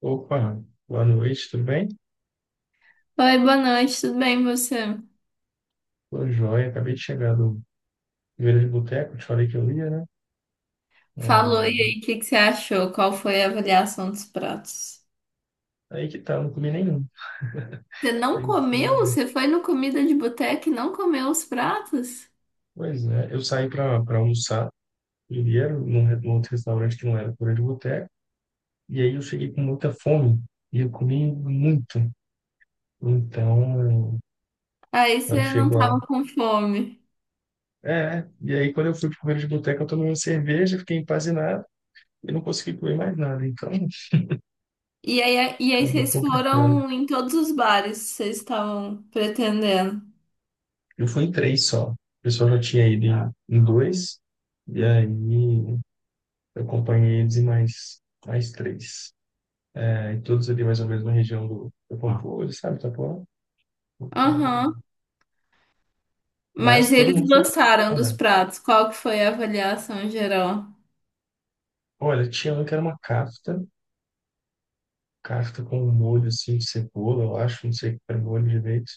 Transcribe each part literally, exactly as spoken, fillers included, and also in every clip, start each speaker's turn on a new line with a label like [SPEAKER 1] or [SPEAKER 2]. [SPEAKER 1] Opa, boa noite, tudo bem?
[SPEAKER 2] Oi, boa noite, tudo bem você?
[SPEAKER 1] Tô joia, acabei de chegar do Feira de Boteco, te falei que eu ia, né?
[SPEAKER 2] Falou, e
[SPEAKER 1] É,
[SPEAKER 2] aí, o que que você achou? Qual foi a avaliação dos pratos?
[SPEAKER 1] aí que tá, eu não comi nenhum.
[SPEAKER 2] Você não
[SPEAKER 1] Eu
[SPEAKER 2] comeu?
[SPEAKER 1] fui.
[SPEAKER 2] Você foi no comida de boteca e não comeu os pratos?
[SPEAKER 1] Pois é, eu saí pra, pra almoçar primeiro num, re- num outro restaurante que não era Feira de Boteco, e aí eu cheguei com muita fome e eu comi muito. Então,
[SPEAKER 2] Aí
[SPEAKER 1] quando
[SPEAKER 2] você não
[SPEAKER 1] chegou lá.
[SPEAKER 2] tava com fome.
[SPEAKER 1] É, e aí quando eu fui pro Feira de Boteco, eu tomei uma cerveja, fiquei empanzinado e não consegui comer mais nada. Então,
[SPEAKER 2] E aí, e aí
[SPEAKER 1] acabou
[SPEAKER 2] vocês
[SPEAKER 1] complicando.
[SPEAKER 2] foram em todos os bares que vocês estavam pretendendo.
[SPEAKER 1] Eu fui em três só. O pessoal já tinha ido em, em dois, e aí eu acompanhei eles em mais, mais três. É, e todos ali mais ou menos na região do, do sabe, Itapuã? Então,
[SPEAKER 2] Aham.
[SPEAKER 1] mas
[SPEAKER 2] Mas
[SPEAKER 1] todo
[SPEAKER 2] eles
[SPEAKER 1] mundo
[SPEAKER 2] gostaram
[SPEAKER 1] foi.
[SPEAKER 2] dos
[SPEAKER 1] É.
[SPEAKER 2] pratos. Qual que foi a avaliação geral?
[SPEAKER 1] Olha, tinha um que era uma kafta, kafta com um molho assim de cebola, eu acho, não sei o que era o molho direito.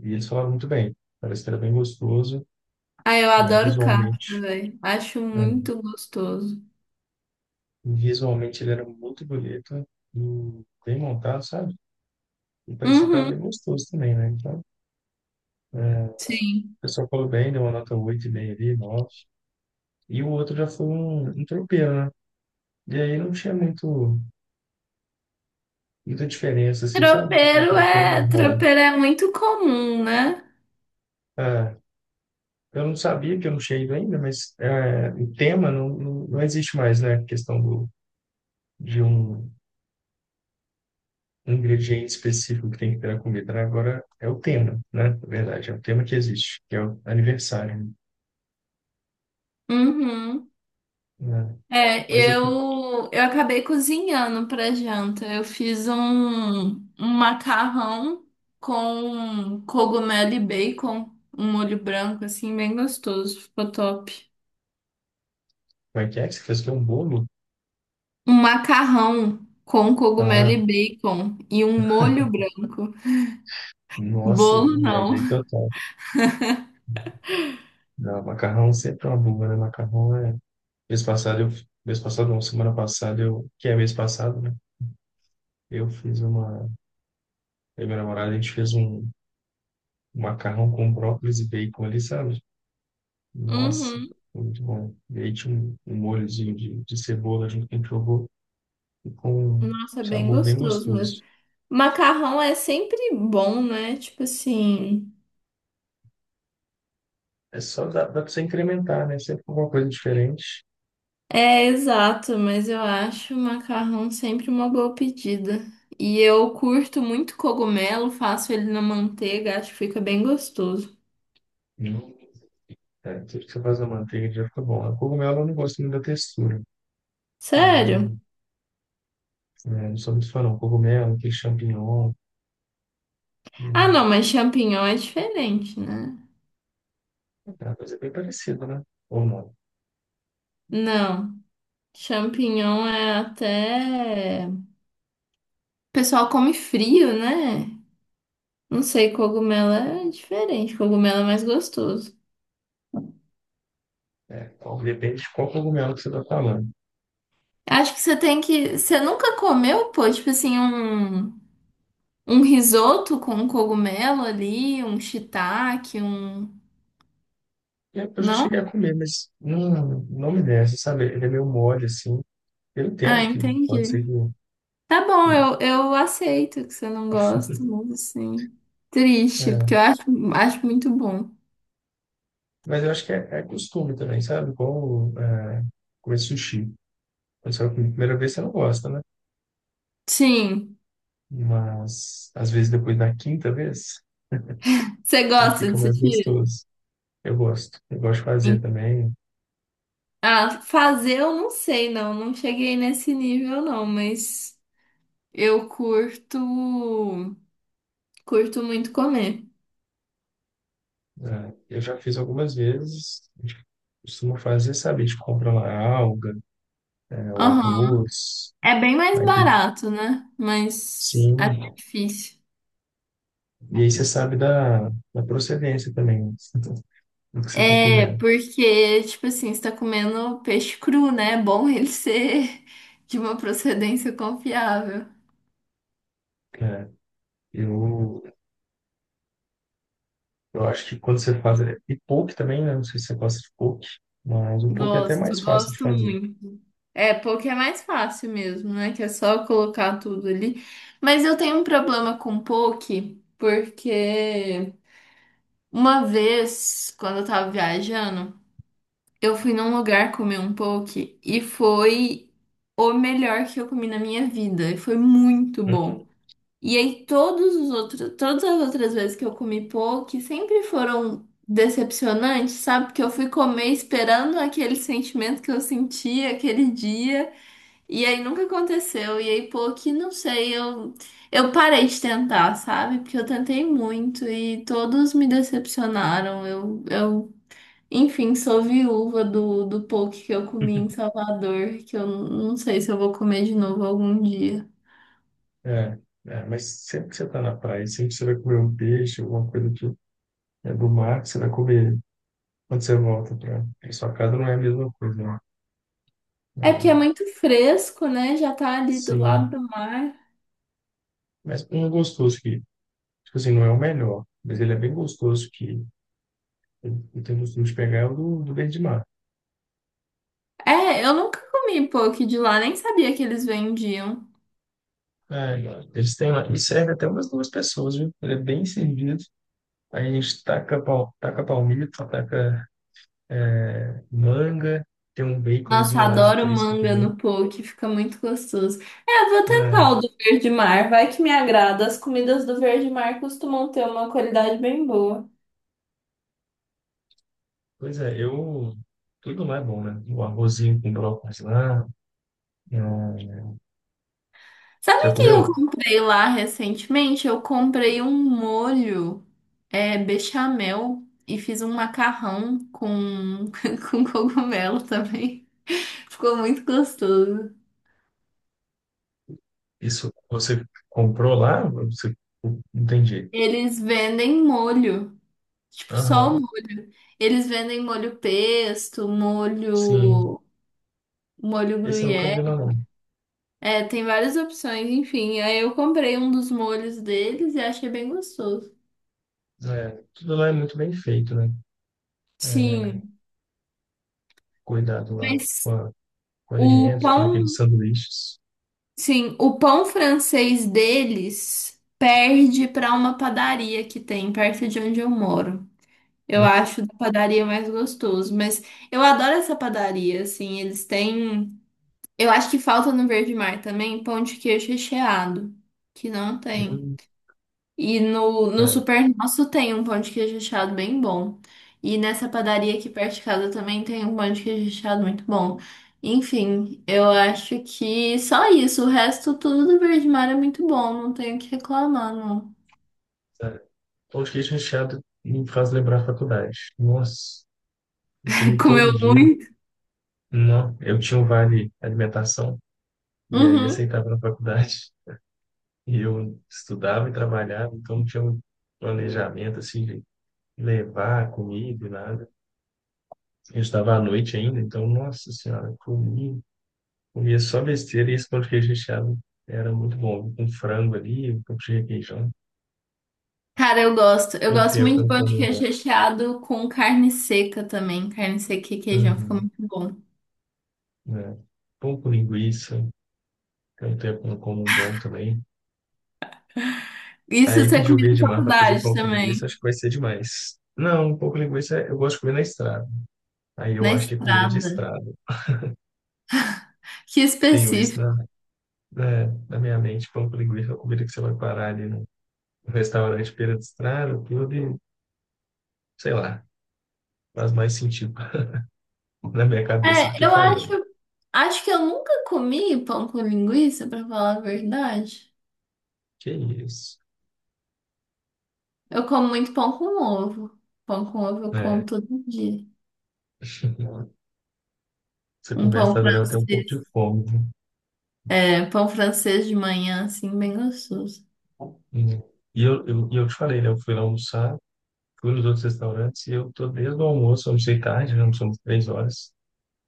[SPEAKER 1] E eles falaram muito bem, parece que era bem gostoso,
[SPEAKER 2] Ah, eu
[SPEAKER 1] é,
[SPEAKER 2] adoro cacto,
[SPEAKER 1] visualmente.
[SPEAKER 2] velho. Acho
[SPEAKER 1] É,
[SPEAKER 2] muito gostoso.
[SPEAKER 1] visualmente ele era muito bonito e bem montado, sabe? E parecia que tava
[SPEAKER 2] Uhum.
[SPEAKER 1] bem gostoso também, né? Então, é, o
[SPEAKER 2] Sim.
[SPEAKER 1] pessoal falou bem, deu uma nota oito vírgula cinco ali, nove. E o outro já foi um, um tropeiro, né? E aí não tinha muito, muita diferença, assim, sabe? Um
[SPEAKER 2] Tropeiro
[SPEAKER 1] tropeiro
[SPEAKER 2] é,
[SPEAKER 1] normal.
[SPEAKER 2] tropeiro é muito comum, né?
[SPEAKER 1] Ah, eu não sabia que eu não tinha ido ainda, mas é, o tema não, não, não existe mais, né? A questão do, de um ingrediente específico que tem que ter na comida, né? Agora é o tema, né? Na verdade, é o tema que existe, que é o aniversário,
[SPEAKER 2] Uhum.
[SPEAKER 1] né?
[SPEAKER 2] É,
[SPEAKER 1] Mas eu... Como
[SPEAKER 2] eu, eu acabei cozinhando para janta. Eu fiz um, um macarrão com cogumelo e bacon, um molho branco, assim, bem gostoso. Ficou top.
[SPEAKER 1] é que é? Que Você fez que é um bolo?
[SPEAKER 2] Um macarrão com cogumelo e
[SPEAKER 1] Ah,
[SPEAKER 2] bacon e um molho branco.
[SPEAKER 1] nossa, eu
[SPEAKER 2] Bolo não.
[SPEAKER 1] viajei total. Não, macarrão sempre é uma bomba, né? Macarrão é. Mês passado, eu... mês passado, não, semana passada, eu... que é mês passado, né? Eu fiz uma. Eu e minha namorada, a gente fez um um macarrão com brócolis e bacon ali, sabe? Nossa,
[SPEAKER 2] Uhum.
[SPEAKER 1] foi muito bom. E aí tinha um, um molhozinho de... de cebola junto que a gente jogou, e com um
[SPEAKER 2] Nossa, é bem
[SPEAKER 1] sabor bem
[SPEAKER 2] gostoso mesmo.
[SPEAKER 1] gostoso.
[SPEAKER 2] Macarrão é sempre bom, né? Tipo assim.
[SPEAKER 1] É só dá, dá pra você incrementar, né? Sempre com alguma coisa diferente.
[SPEAKER 2] É, exato, mas eu acho o macarrão sempre uma boa pedida. E eu curto muito cogumelo, faço ele na manteiga, acho que fica bem gostoso.
[SPEAKER 1] Hum. É, tudo que você faz na manteiga já fica bom. A cogumelo eu não gosto muito da textura. Eu
[SPEAKER 2] Sério?
[SPEAKER 1] não- né? Não sou muito fã, não. Cogumelo, aquele champignon.
[SPEAKER 2] Ah,
[SPEAKER 1] Hum,
[SPEAKER 2] não, mas champignon é diferente, né?
[SPEAKER 1] é uma coisa bem parecida, né? Ou não.
[SPEAKER 2] Não, champignon é até. O pessoal come frio, né? Não sei, cogumelo é diferente, cogumelo é mais gostoso.
[SPEAKER 1] É, então, depende de qual cogumelo que você está falando.
[SPEAKER 2] Acho que você tem que. Você nunca comeu, pô, tipo assim, um. Um risoto com um cogumelo ali, um shiitake, um.
[SPEAKER 1] E eu já cheguei
[SPEAKER 2] Não?
[SPEAKER 1] a comer, mas não, não me desce, sabe? Ele é meio mole, assim. Eu
[SPEAKER 2] Ah,
[SPEAKER 1] entendo que pode ser
[SPEAKER 2] entendi.
[SPEAKER 1] que.
[SPEAKER 2] Tá bom, eu, eu aceito que você não gosta, mas assim. Triste,
[SPEAKER 1] É,
[SPEAKER 2] porque eu acho, acho muito bom.
[SPEAKER 1] mas eu acho que é, é costume também, sabe? Igual é, comer sushi. Quando você vai comer a primeira vez, você não gosta, né?
[SPEAKER 2] Sim.
[SPEAKER 1] Mas às vezes depois da quinta vez,
[SPEAKER 2] Você
[SPEAKER 1] né,
[SPEAKER 2] gosta
[SPEAKER 1] fica
[SPEAKER 2] de
[SPEAKER 1] mais
[SPEAKER 2] sushi?
[SPEAKER 1] gostoso. Eu gosto. Eu gosto de fazer
[SPEAKER 2] Sim.
[SPEAKER 1] também.
[SPEAKER 2] Ah, fazer eu não sei, não. Não cheguei nesse nível, não, mas eu curto. Curto muito comer.
[SPEAKER 1] É, eu já fiz algumas vezes. A gente costuma fazer, sabe? A gente compra lá alga, é, o
[SPEAKER 2] Aham.
[SPEAKER 1] arroz,
[SPEAKER 2] É bem mais
[SPEAKER 1] aí tem-
[SPEAKER 2] barato, né? Mas acho
[SPEAKER 1] sim.
[SPEAKER 2] difícil.
[SPEAKER 1] E aí você sabe da, da procedência também do que você está
[SPEAKER 2] É,
[SPEAKER 1] comendo.
[SPEAKER 2] porque, tipo assim, você tá comendo peixe cru, né? É bom ele ser de uma procedência confiável.
[SPEAKER 1] É, eu, eu acho que quando você faz. É, e poke também, né? Não sei se você gosta de poke, mas o poke é até
[SPEAKER 2] Gosto,
[SPEAKER 1] mais fácil de
[SPEAKER 2] gosto
[SPEAKER 1] fazer.
[SPEAKER 2] muito. É, porque é mais fácil mesmo, né? Que é só colocar tudo ali. Mas eu tenho um problema com poke, porque uma vez, quando eu tava viajando, eu fui num lugar comer um poke e foi o melhor que eu comi na minha vida. E foi muito bom.
[SPEAKER 1] Uhum.
[SPEAKER 2] E aí todos os outros, todas as outras vezes que eu comi poke sempre foram decepcionantes, sabe? Porque eu fui comer esperando aquele sentimento que eu sentia aquele dia, e aí nunca aconteceu. E aí poke, não sei, eu eu parei de tentar, sabe? Porque eu tentei muito e todos me decepcionaram. Eu eu Enfim, sou viúva do, do poke que eu comi em Salvador, que eu não sei se eu vou comer de novo algum dia.
[SPEAKER 1] É, é, mas sempre que você está na praia, sempre que você vai comer um peixe, alguma coisa que é do mar, que você vai comer quando você volta para sua casa, não é a mesma coisa, né?
[SPEAKER 2] É porque é
[SPEAKER 1] Não,
[SPEAKER 2] muito fresco, né? Já tá ali do
[SPEAKER 1] sim.
[SPEAKER 2] lado do mar.
[SPEAKER 1] Mas um gostoso que, tipo assim, não é o melhor, mas ele é bem gostoso que eu eu tenho costume de pegar é o do, do verde mar.
[SPEAKER 2] É, eu nunca comi poke de lá, nem sabia que eles vendiam.
[SPEAKER 1] É, eles têm lá, e serve até umas duas pessoas, viu? Ele é bem servido. Aí a gente taca, pal, taca palmito, taca manga, tem um
[SPEAKER 2] Nossa,
[SPEAKER 1] baconzinho lá de
[SPEAKER 2] adoro
[SPEAKER 1] Cristo
[SPEAKER 2] manga
[SPEAKER 1] também.
[SPEAKER 2] no poke, fica muito gostoso. É, eu vou
[SPEAKER 1] Né?
[SPEAKER 2] tentar o do Verde Mar, vai que me agrada. As comidas do Verde Mar costumam ter uma qualidade bem boa.
[SPEAKER 1] Pois é, eu. Tudo lá é bom, né? O arrozinho com brócolis lá. É,
[SPEAKER 2] Sabe
[SPEAKER 1] já
[SPEAKER 2] o que eu
[SPEAKER 1] comeu?
[SPEAKER 2] comprei lá recentemente? Eu comprei um molho, é, bechamel e fiz um macarrão com, com cogumelo também. Ficou muito gostoso.
[SPEAKER 1] Isso você comprou lá? Você... não entendi.
[SPEAKER 2] Eles vendem molho, tipo só o molho. Eles vendem molho pesto,
[SPEAKER 1] Sim,
[SPEAKER 2] molho, molho
[SPEAKER 1] esse eu nunca vi
[SPEAKER 2] gruyère.
[SPEAKER 1] lá não.
[SPEAKER 2] É, tem várias opções, enfim. Aí eu comprei um dos molhos deles e achei bem gostoso.
[SPEAKER 1] É, tudo lá é muito bem feito, né? É,
[SPEAKER 2] Sim,
[SPEAKER 1] cuidado lá com,
[SPEAKER 2] mas
[SPEAKER 1] a, com
[SPEAKER 2] o
[SPEAKER 1] alimentos, tudo aqueles
[SPEAKER 2] pão,
[SPEAKER 1] sanduíches,
[SPEAKER 2] sim, o pão francês deles perde para uma padaria que tem perto de onde eu moro. Eu
[SPEAKER 1] né?
[SPEAKER 2] acho da padaria mais gostoso, mas eu adoro essa padaria, assim, eles têm. Eu acho que falta no Verde Mar também pão de queijo recheado, que não tem.
[SPEAKER 1] Hum,
[SPEAKER 2] E no, no
[SPEAKER 1] é,
[SPEAKER 2] Super Nosso tem um pão de queijo recheado bem bom. E nessa padaria aqui perto de casa também tem um pão de queijo recheado muito bom. Enfim, eu acho que só isso. O resto tudo do Verde Mar é muito bom, não tenho o que reclamar, não.
[SPEAKER 1] sério. Pão de queijo recheado me faz lembrar a faculdade. Nossa, eu comi todo
[SPEAKER 2] Comeu
[SPEAKER 1] dia.
[SPEAKER 2] muito.
[SPEAKER 1] Não, eu tinha um vale alimentação e aí
[SPEAKER 2] Uhum.
[SPEAKER 1] aceitava na faculdade. E eu estudava e trabalhava, então não tinha um planejamento assim de levar comida, e nada. Eu estudava à noite ainda, então, nossa senhora, comi. Comia só besteira e esse pão de queijo recheado era muito bom. Com frango ali, um pouco de requeijão.
[SPEAKER 2] Cara, eu gosto. Eu
[SPEAKER 1] Tem
[SPEAKER 2] gosto
[SPEAKER 1] tempo
[SPEAKER 2] muito
[SPEAKER 1] que eu
[SPEAKER 2] de
[SPEAKER 1] não
[SPEAKER 2] pão de
[SPEAKER 1] como um
[SPEAKER 2] queijo
[SPEAKER 1] bom.
[SPEAKER 2] recheado com carne seca também. Carne seca e queijão fica
[SPEAKER 1] Uhum,
[SPEAKER 2] muito bom.
[SPEAKER 1] né? Pão com linguiça, tem tempo que eu não como um bom também.
[SPEAKER 2] Isso
[SPEAKER 1] Aí
[SPEAKER 2] você
[SPEAKER 1] pedi o
[SPEAKER 2] comia na
[SPEAKER 1] verde mar para fazer
[SPEAKER 2] faculdade
[SPEAKER 1] pão com linguiça,
[SPEAKER 2] também,
[SPEAKER 1] acho que vai ser demais. Não, um pouco de linguiça eu gosto de comer na estrada. Aí eu
[SPEAKER 2] na
[SPEAKER 1] acho que é comida de
[SPEAKER 2] estrada.
[SPEAKER 1] estrada.
[SPEAKER 2] Que
[SPEAKER 1] Tenho isso
[SPEAKER 2] específico.
[SPEAKER 1] na, na, na minha mente. Pão com linguiça é a comida que você vai parar ali no restaurante beira de estrada, tudo e, sei lá, faz mais sentido na minha cabeça do
[SPEAKER 2] É,
[SPEAKER 1] que
[SPEAKER 2] eu acho,
[SPEAKER 1] falando.
[SPEAKER 2] acho que eu nunca comi pão com linguiça, pra falar a verdade.
[SPEAKER 1] Que isso.
[SPEAKER 2] Eu como muito pão com ovo. Pão com ovo eu como
[SPEAKER 1] É,
[SPEAKER 2] todo dia.
[SPEAKER 1] essa
[SPEAKER 2] Um pão
[SPEAKER 1] conversa dela eu tenho um pouco
[SPEAKER 2] francês.
[SPEAKER 1] de fome.
[SPEAKER 2] É, pão francês de manhã, assim, bem gostoso.
[SPEAKER 1] Viu? E eu, eu, e eu te falei, né? Eu fui lá almoçar, fui nos outros restaurantes e eu tô desde o almoço, eu almocei tarde, já almoçamos três horas,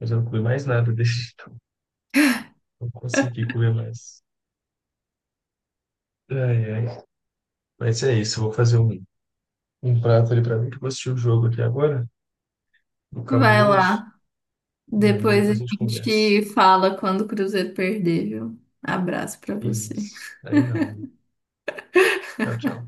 [SPEAKER 1] mas eu não comi mais nada desde então. Não consegui comer mais. Ai, ai. Mas é isso, eu vou fazer um, um prato ali pra mim, que eu vou assistir o jogo aqui agora, do
[SPEAKER 2] Vai
[SPEAKER 1] Cabuloso,
[SPEAKER 2] lá.
[SPEAKER 1] e aí
[SPEAKER 2] Depois a
[SPEAKER 1] depois a gente conversa.
[SPEAKER 2] gente fala quando o Cruzeiro perder, viu? Abraço pra
[SPEAKER 1] Que
[SPEAKER 2] você.
[SPEAKER 1] isso. Aí não. Tchau, tchau.